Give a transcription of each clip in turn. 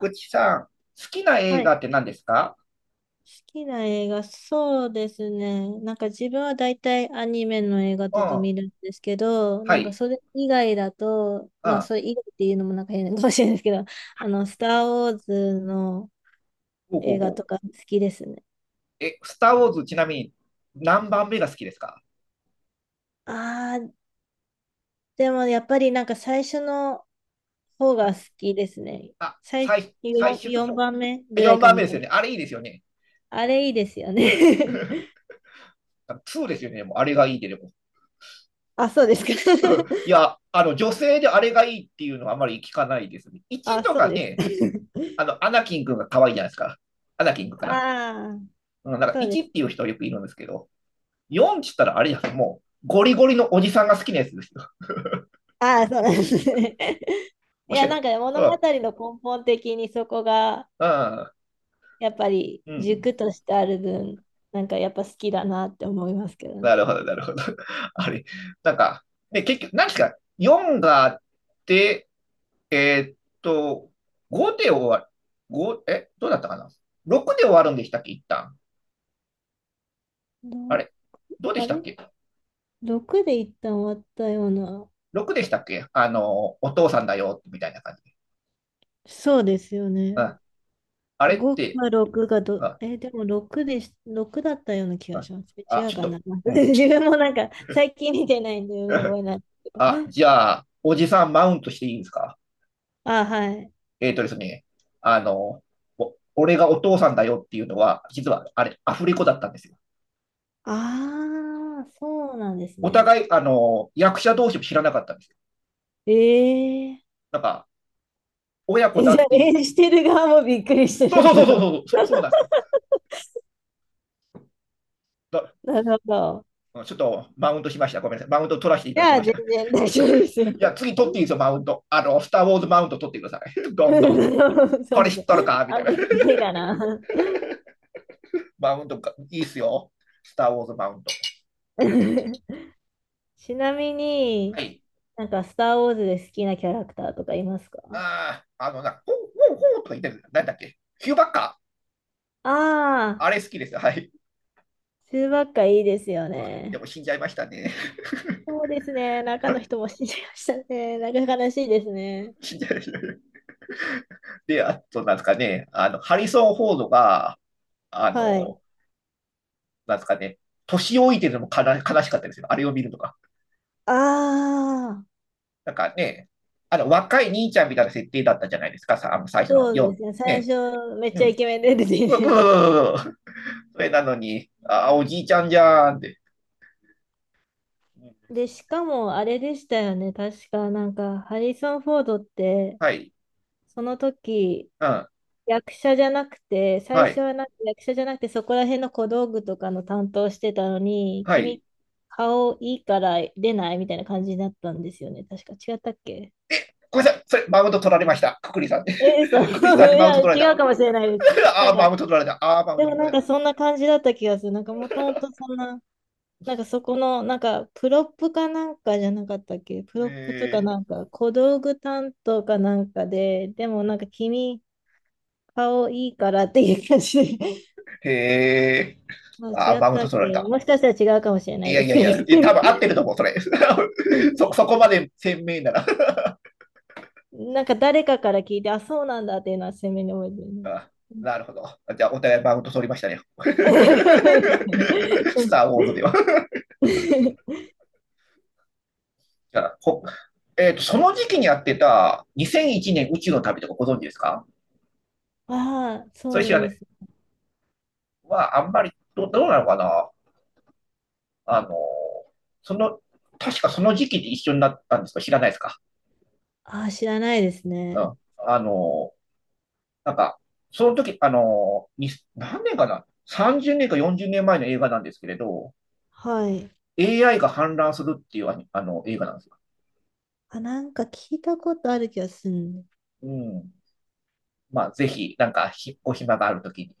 ぐちさん、好きな映はい。画って好何ですか？きな映画、そうですね。なんか自分は大体アニメの映画うとかん。見るんですけど、はなんかい。それ以外だと、うまあん。それ以外っていうのもなんか変かもしれないですけど、スター・ウォーズのほうほう映画ほとう。か好きですね。え、スター・ウォーズ、ちなみに何番目が好きですか？ああ、でもやっぱりなんか最初の方が好きですね。あ、最初、最、最4、終と4こ、番目ぐらい4か番み目でたすいよな。ね。あれいいですよね。あれいいですようん。ね。2ですよね。もうあれがいいで、でも。あ、そうですか。い や、女性であれがいいっていうのはあまり聞かないですね。1あ、とそうかですか。ね。アナキン君が可愛いじゃないですか。アナキン君 かな。ああ、うん、なんかそうで1っていす。う人よくいるんですけど、4って言ったらあれですもう、ゴリゴリのおじさんが好きなやつですよ。ああ、そうなんですね。いむしや、ろ、なんかねそ物語う、の根本的にそこが、うん、やっぱりうん。軸としてある分、なんかやっぱ好きだなって思いますけどね。なるほど、なるほど。あれ、なんか、で、結局、何ですか、4があって、えーっと、5で終わる、どうだったかな？ 6 で終わるんでしたっけ、一旦。あどれ、どうでしあたっれ け？ ?6 で一旦終わったような。6 でしたっけ？お父さんだよ、みたいな感じ。そうですよね。うん。あれっ5て、か6がうど、ん、え、でも6でし、ろくだったような気うがん。します。あ、違うちょっかな。と、う ん、自分もなんか最近見てないんで、うろ覚 えないんですけど。あ、じゃあ、おじさんマウントしていいですか？あ、はい。えっ、とですね、あの、俺がお父さんだよっていうのは、実はあれ、アフレコだったんですよ。ああ、そうなんですおね。互い、役者同士も知らなかったんですよ。ええなんか、親子え、だじゃっあ、ていう、演じてる側もびっくりしてそうるんそうそだうろう。そうそう、そうそうなん ですよ。だなるほど。ちょっとマウントしました。ごめんなさい。マウント取らせていたじだゃきまあ、し全た。い然大丈夫ですよ。や、次 取うっていいでん、すよ、マウント。スター・ウォーズマウント取ってください。どんなるどん。ほど、そうそこれ知っう、とるかみあたいのな。時いいかな。マウントがいいっすよ。スター・ウォーズマウント。ちなみはに、い。なんか、スター・ウォーズで好きなキャラクターとかいますか？ああ、あのな、ほうほうほうとか言ってる。なんだっけ、ヒューバッカー？あああれ好きですよ。はい。ー、中ばっかいいですよでね。も死んじゃいましたね。そうですね。中の 人も死んじゃいましたね。なんか悲しいですね。死んじゃいましたね。で、あと、なんですかね、ハリソン・フォードが、あはい。の、なんですかね、年老いてるのも悲しかったですよ。あれを見るとか。ああ、なんかね、若い兄ちゃんみたいな設定だったじゃないですか、さ、最初のそうですね。4。最ね、初、めっうちん。ゃうイケメンで出てうきて、ううそれなのに、ああ、おじいちゃんじゃーんって。で、しかもあれでしたよね。確かなんか、ハリソン・フォードって、はい、その時、うん、役者じゃなくて、最は初い、はなんか役者じゃなくて、そこら辺の小道具とかの担当してたのに、は君、い。顔いいから出ないみたいな感じになったんですよね。確か違ったっけ？ごめんなさい、それ、マウント取られました。くくりさんで。え、いくくりさんにマウンや、ト取られ違た。うかもしれないです。なあんあ、マウか、ント取られた。ああ、マウンでトも取らなんれた。かそんな感じだった気がする。なんかもともとそんな、なんかそこの、なんかプロップかなんかじゃなかったっけ？プロップとかえーなんか小道具担当かなんかで、でもなんか君顔いいからっていう感じで、へえ。もうあ、違っマウンたトっ取られけ？た。もしかしたら違うかもしれないいやでいすやいや、ね。多分合ってると思う、それ。そ、そこまで鮮明なら。なんか誰かから聞いて、あ、そうなんだっていうのは鮮明に覚えてるね。あ、なるほど。じゃあ、お互いマウント取りましたね。スター・ウォーズでは。じゃあ、ほえっと、その時期にやってた2001年宇宙の旅とかご存知ですか？ああ、そそれう知らなでい。す。まああんまりどうなのかな。あの、その、確かその時期で一緒になったんですか？知らないですか？ああ、知らないですうね。ん。なんか、その時、何年かな？ 30 年か40年前の映画なんですけれど、はい。AI が氾濫するっていうあの映画なんですよ。あ、なんか聞いたことある気がする。うん。まあ、ぜひ、なんか、お暇がある時に。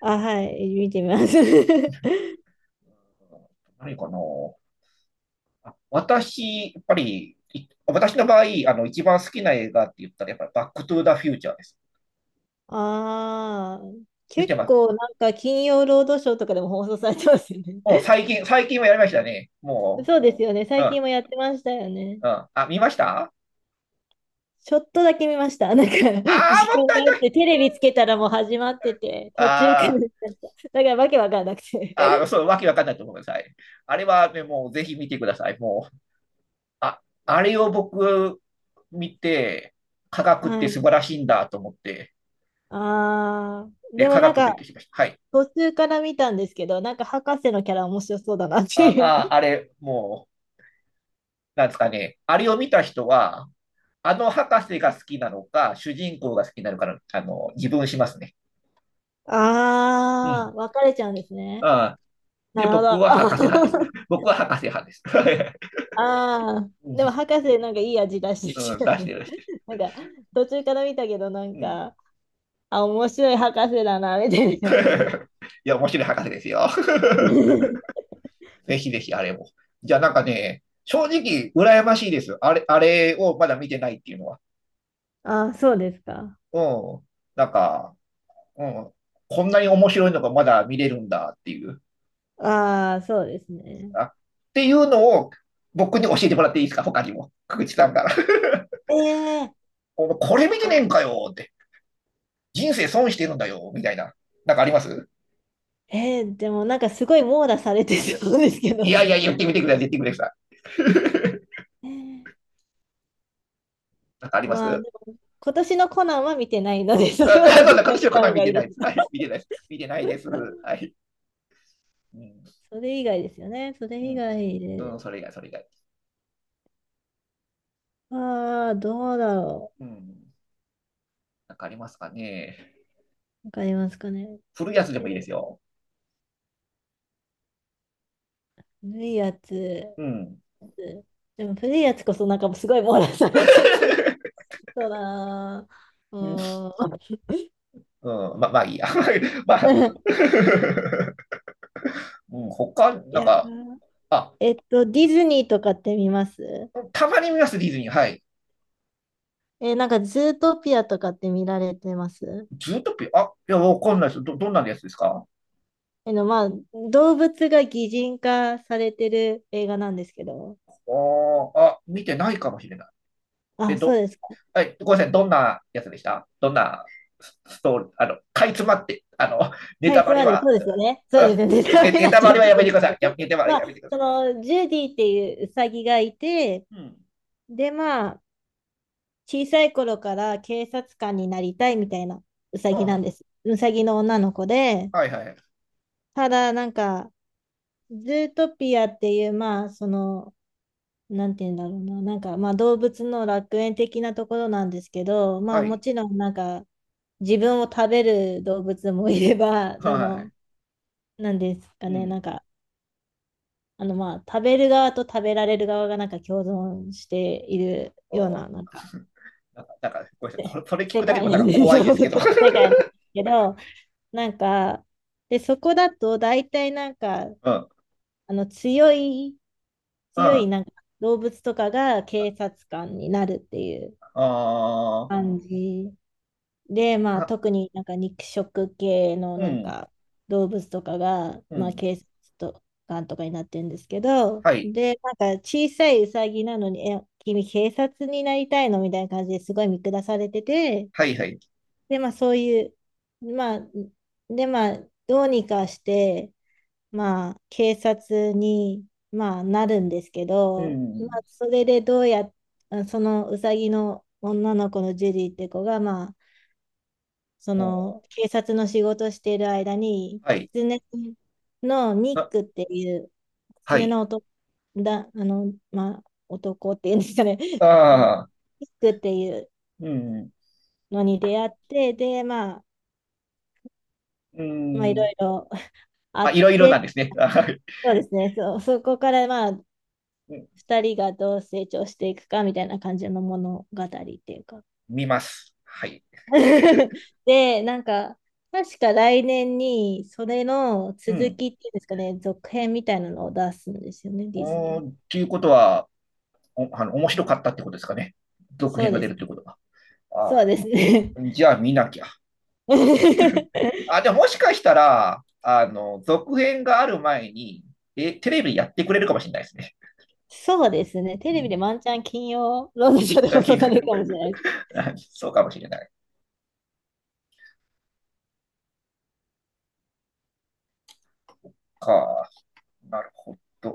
あ、はい、見てみます。うん、何かな？あ、私、やっぱり、私の場合、一番好きな映画って言ったら、やっぱりバックトゥーザフューチャーです。ああ、見て結ま構す。なんか金曜ロードショーとかでも放送されてますよね。もう最近はやりましたね。もそうですよね。う、最うん、近もやってましたよね。うん。あ、見ましたあちょっとだけ見ました。なんか、あー、時間もったがいなあっい。て、テレビつけたらもう始まってて、途中からあ見まあ。した。だからわけわかんなくあ、て。そう、わけわかんないと思うください。あれはね、もうぜひ見てください。もう、あ、あれを僕見て、科 学っはてい。素晴らしいんだと思って、ああ、で、でも科なん学か、勉強しました。はい。途中から見たんですけど、なんか博士のキャラ面白そうだなっあ、ていう。あ、あ れ、もう、なんですかね。あれを見た人は、あの博士が好きなのか、主人公が好きなのかの、自分しますね。うあん。あ、分かれちゃうんですね。あ、で、な僕るは博ほ士派です。ど。僕は博士派です。ああ、でも博 士なんかいい味出してうん、きうんて出たしてね。 る、出してる。なんか途中から見たけどなんうん。か、あ、面白い博士だな、みたいな感じ。いや、面白い博士ですよ。ぜひぜひあれも。じゃあなんかね、正直羨ましいです。あれをまだ見てないっていうのは。ああ、そうですか。うん。なんか、うん。こんなに面白いのがまだ見れるんだっていう。ああ、そうですね。あ、っていうのを僕に教えてもらっていいですか？他にも。久口さんから。ええこれ見てねえあ、んかよって。人生損してるんだよみたいな。なんかあります？でもなんかすごい網羅されてそうですけいどやいや、ね。言ってみてください。言ってみてください。えなんかあえ、りままあす？でも、今年のコナンは見てないので、そあ、れはなんだ、絶対形見のた方方見がいていなでいです。はす。い。見てないです。見てないです。は い。うん。それ以外ですよね。それう以ん。外うん、で。それ以外、それ以外。ああ、どうだろうん。なんかありますかね。う。わかりますかね。古いやつでもえいいですよ。古いやつ。うん。でも古いやつこそなんかすごい網羅されてそうだな。ううんーん。うん、まあいいや。まあ、うん、他、いなんや、か、あ、ディズニーとかって見ます？たまに見ます、ディズニー。はい。なんかズートピアとかって見られてます？ズートピア、あ、いや、わかんないです。どんなやつですか？まあ、動物が擬人化されてる映画なんですけど。ああ、見てないかもしれない。え、あ、そうですか。はい、ごめんなさい。どんなやつでした？どんなストーリー、かいつまって、ネはタい、つバレまんでは、そうですよね。そうですよね。ネタネバレにネなっタちバゃうレんはですやめてくだけさい。ど、や、ネタバレまやめあ、てくださそい。の、ジュディっていうウサギがいて、うん。で、まあ、小さい頃から警察官になりたいみたいなうさぎなんはです。うさぎの女の子で、あ、はいはい。ただなんか、ズートピアっていう、まあ、その、なんて言うんだろうな、なんか、まあ、動物の楽園的なところなんですけど、まあ、はもい。ちろん、なんか、自分を食べる動物もいれば、あはの、い。なんですかうね、なん。んか、あの、まあ、食べる側と食べられる側が、なんか、共存しているようおな、なんか、なんか、なんかごめんなさい。せこれ、それ聞世くだけで界もななんんかです、怖い で動す物けど。の 世界なんですけど、なんか、で、そこだと大体なんか、うん。うん。あの強いあなんか動物とかが警察官になるっていうあ、感じで、まああ、特になんか肉食系のうなんん。か動物とかが、うまあん。警察と官とかになってるんですけど、はい。で、なんか小さいウサギなのに、え、君警察になりたいのみたいな感じですごい見下されてて、はい、はい。で、まあそういう、まあ、で、まあどうにかして、まあ、警察に、まあ、なるんですけうど、まあ、ん。それでどうやっ、あそのうさぎの女の子のジュリーって子が、まあ、そのお警察の仕事している間に、はい。狐のニッあ、クっていう、は狐い。の男だ、あの、まあ、男っていうんですかね、ニああ、ックっていううん。のに出会って、で、まあ、ういん。ろいろあまあ、っいろいろなんて、ですね。はい。そうですね、そう、そこから、まあ、うん。 2人がどう成長していくかみたいな感じの物語っていうか。 見ます。はい。で、なんか、確か来年にそれのう続きっん。ていうんですかね、続編みたいなのを出すんですよね、ディズニおー、っー。ていうことは、お、面白かったってことですかね。続そう編がで出るすってね。ことは。そあうですね。 あ、じゃあ見なきゃ。あ、じゃあもしかしたら、続編がある前に、え、テレビやってくれるかもしれないですね。そうですね。テうレビんでワンチャン金曜ロードき、ショーで放送き、されるかもしれない そうかもしれない。か、なるほど。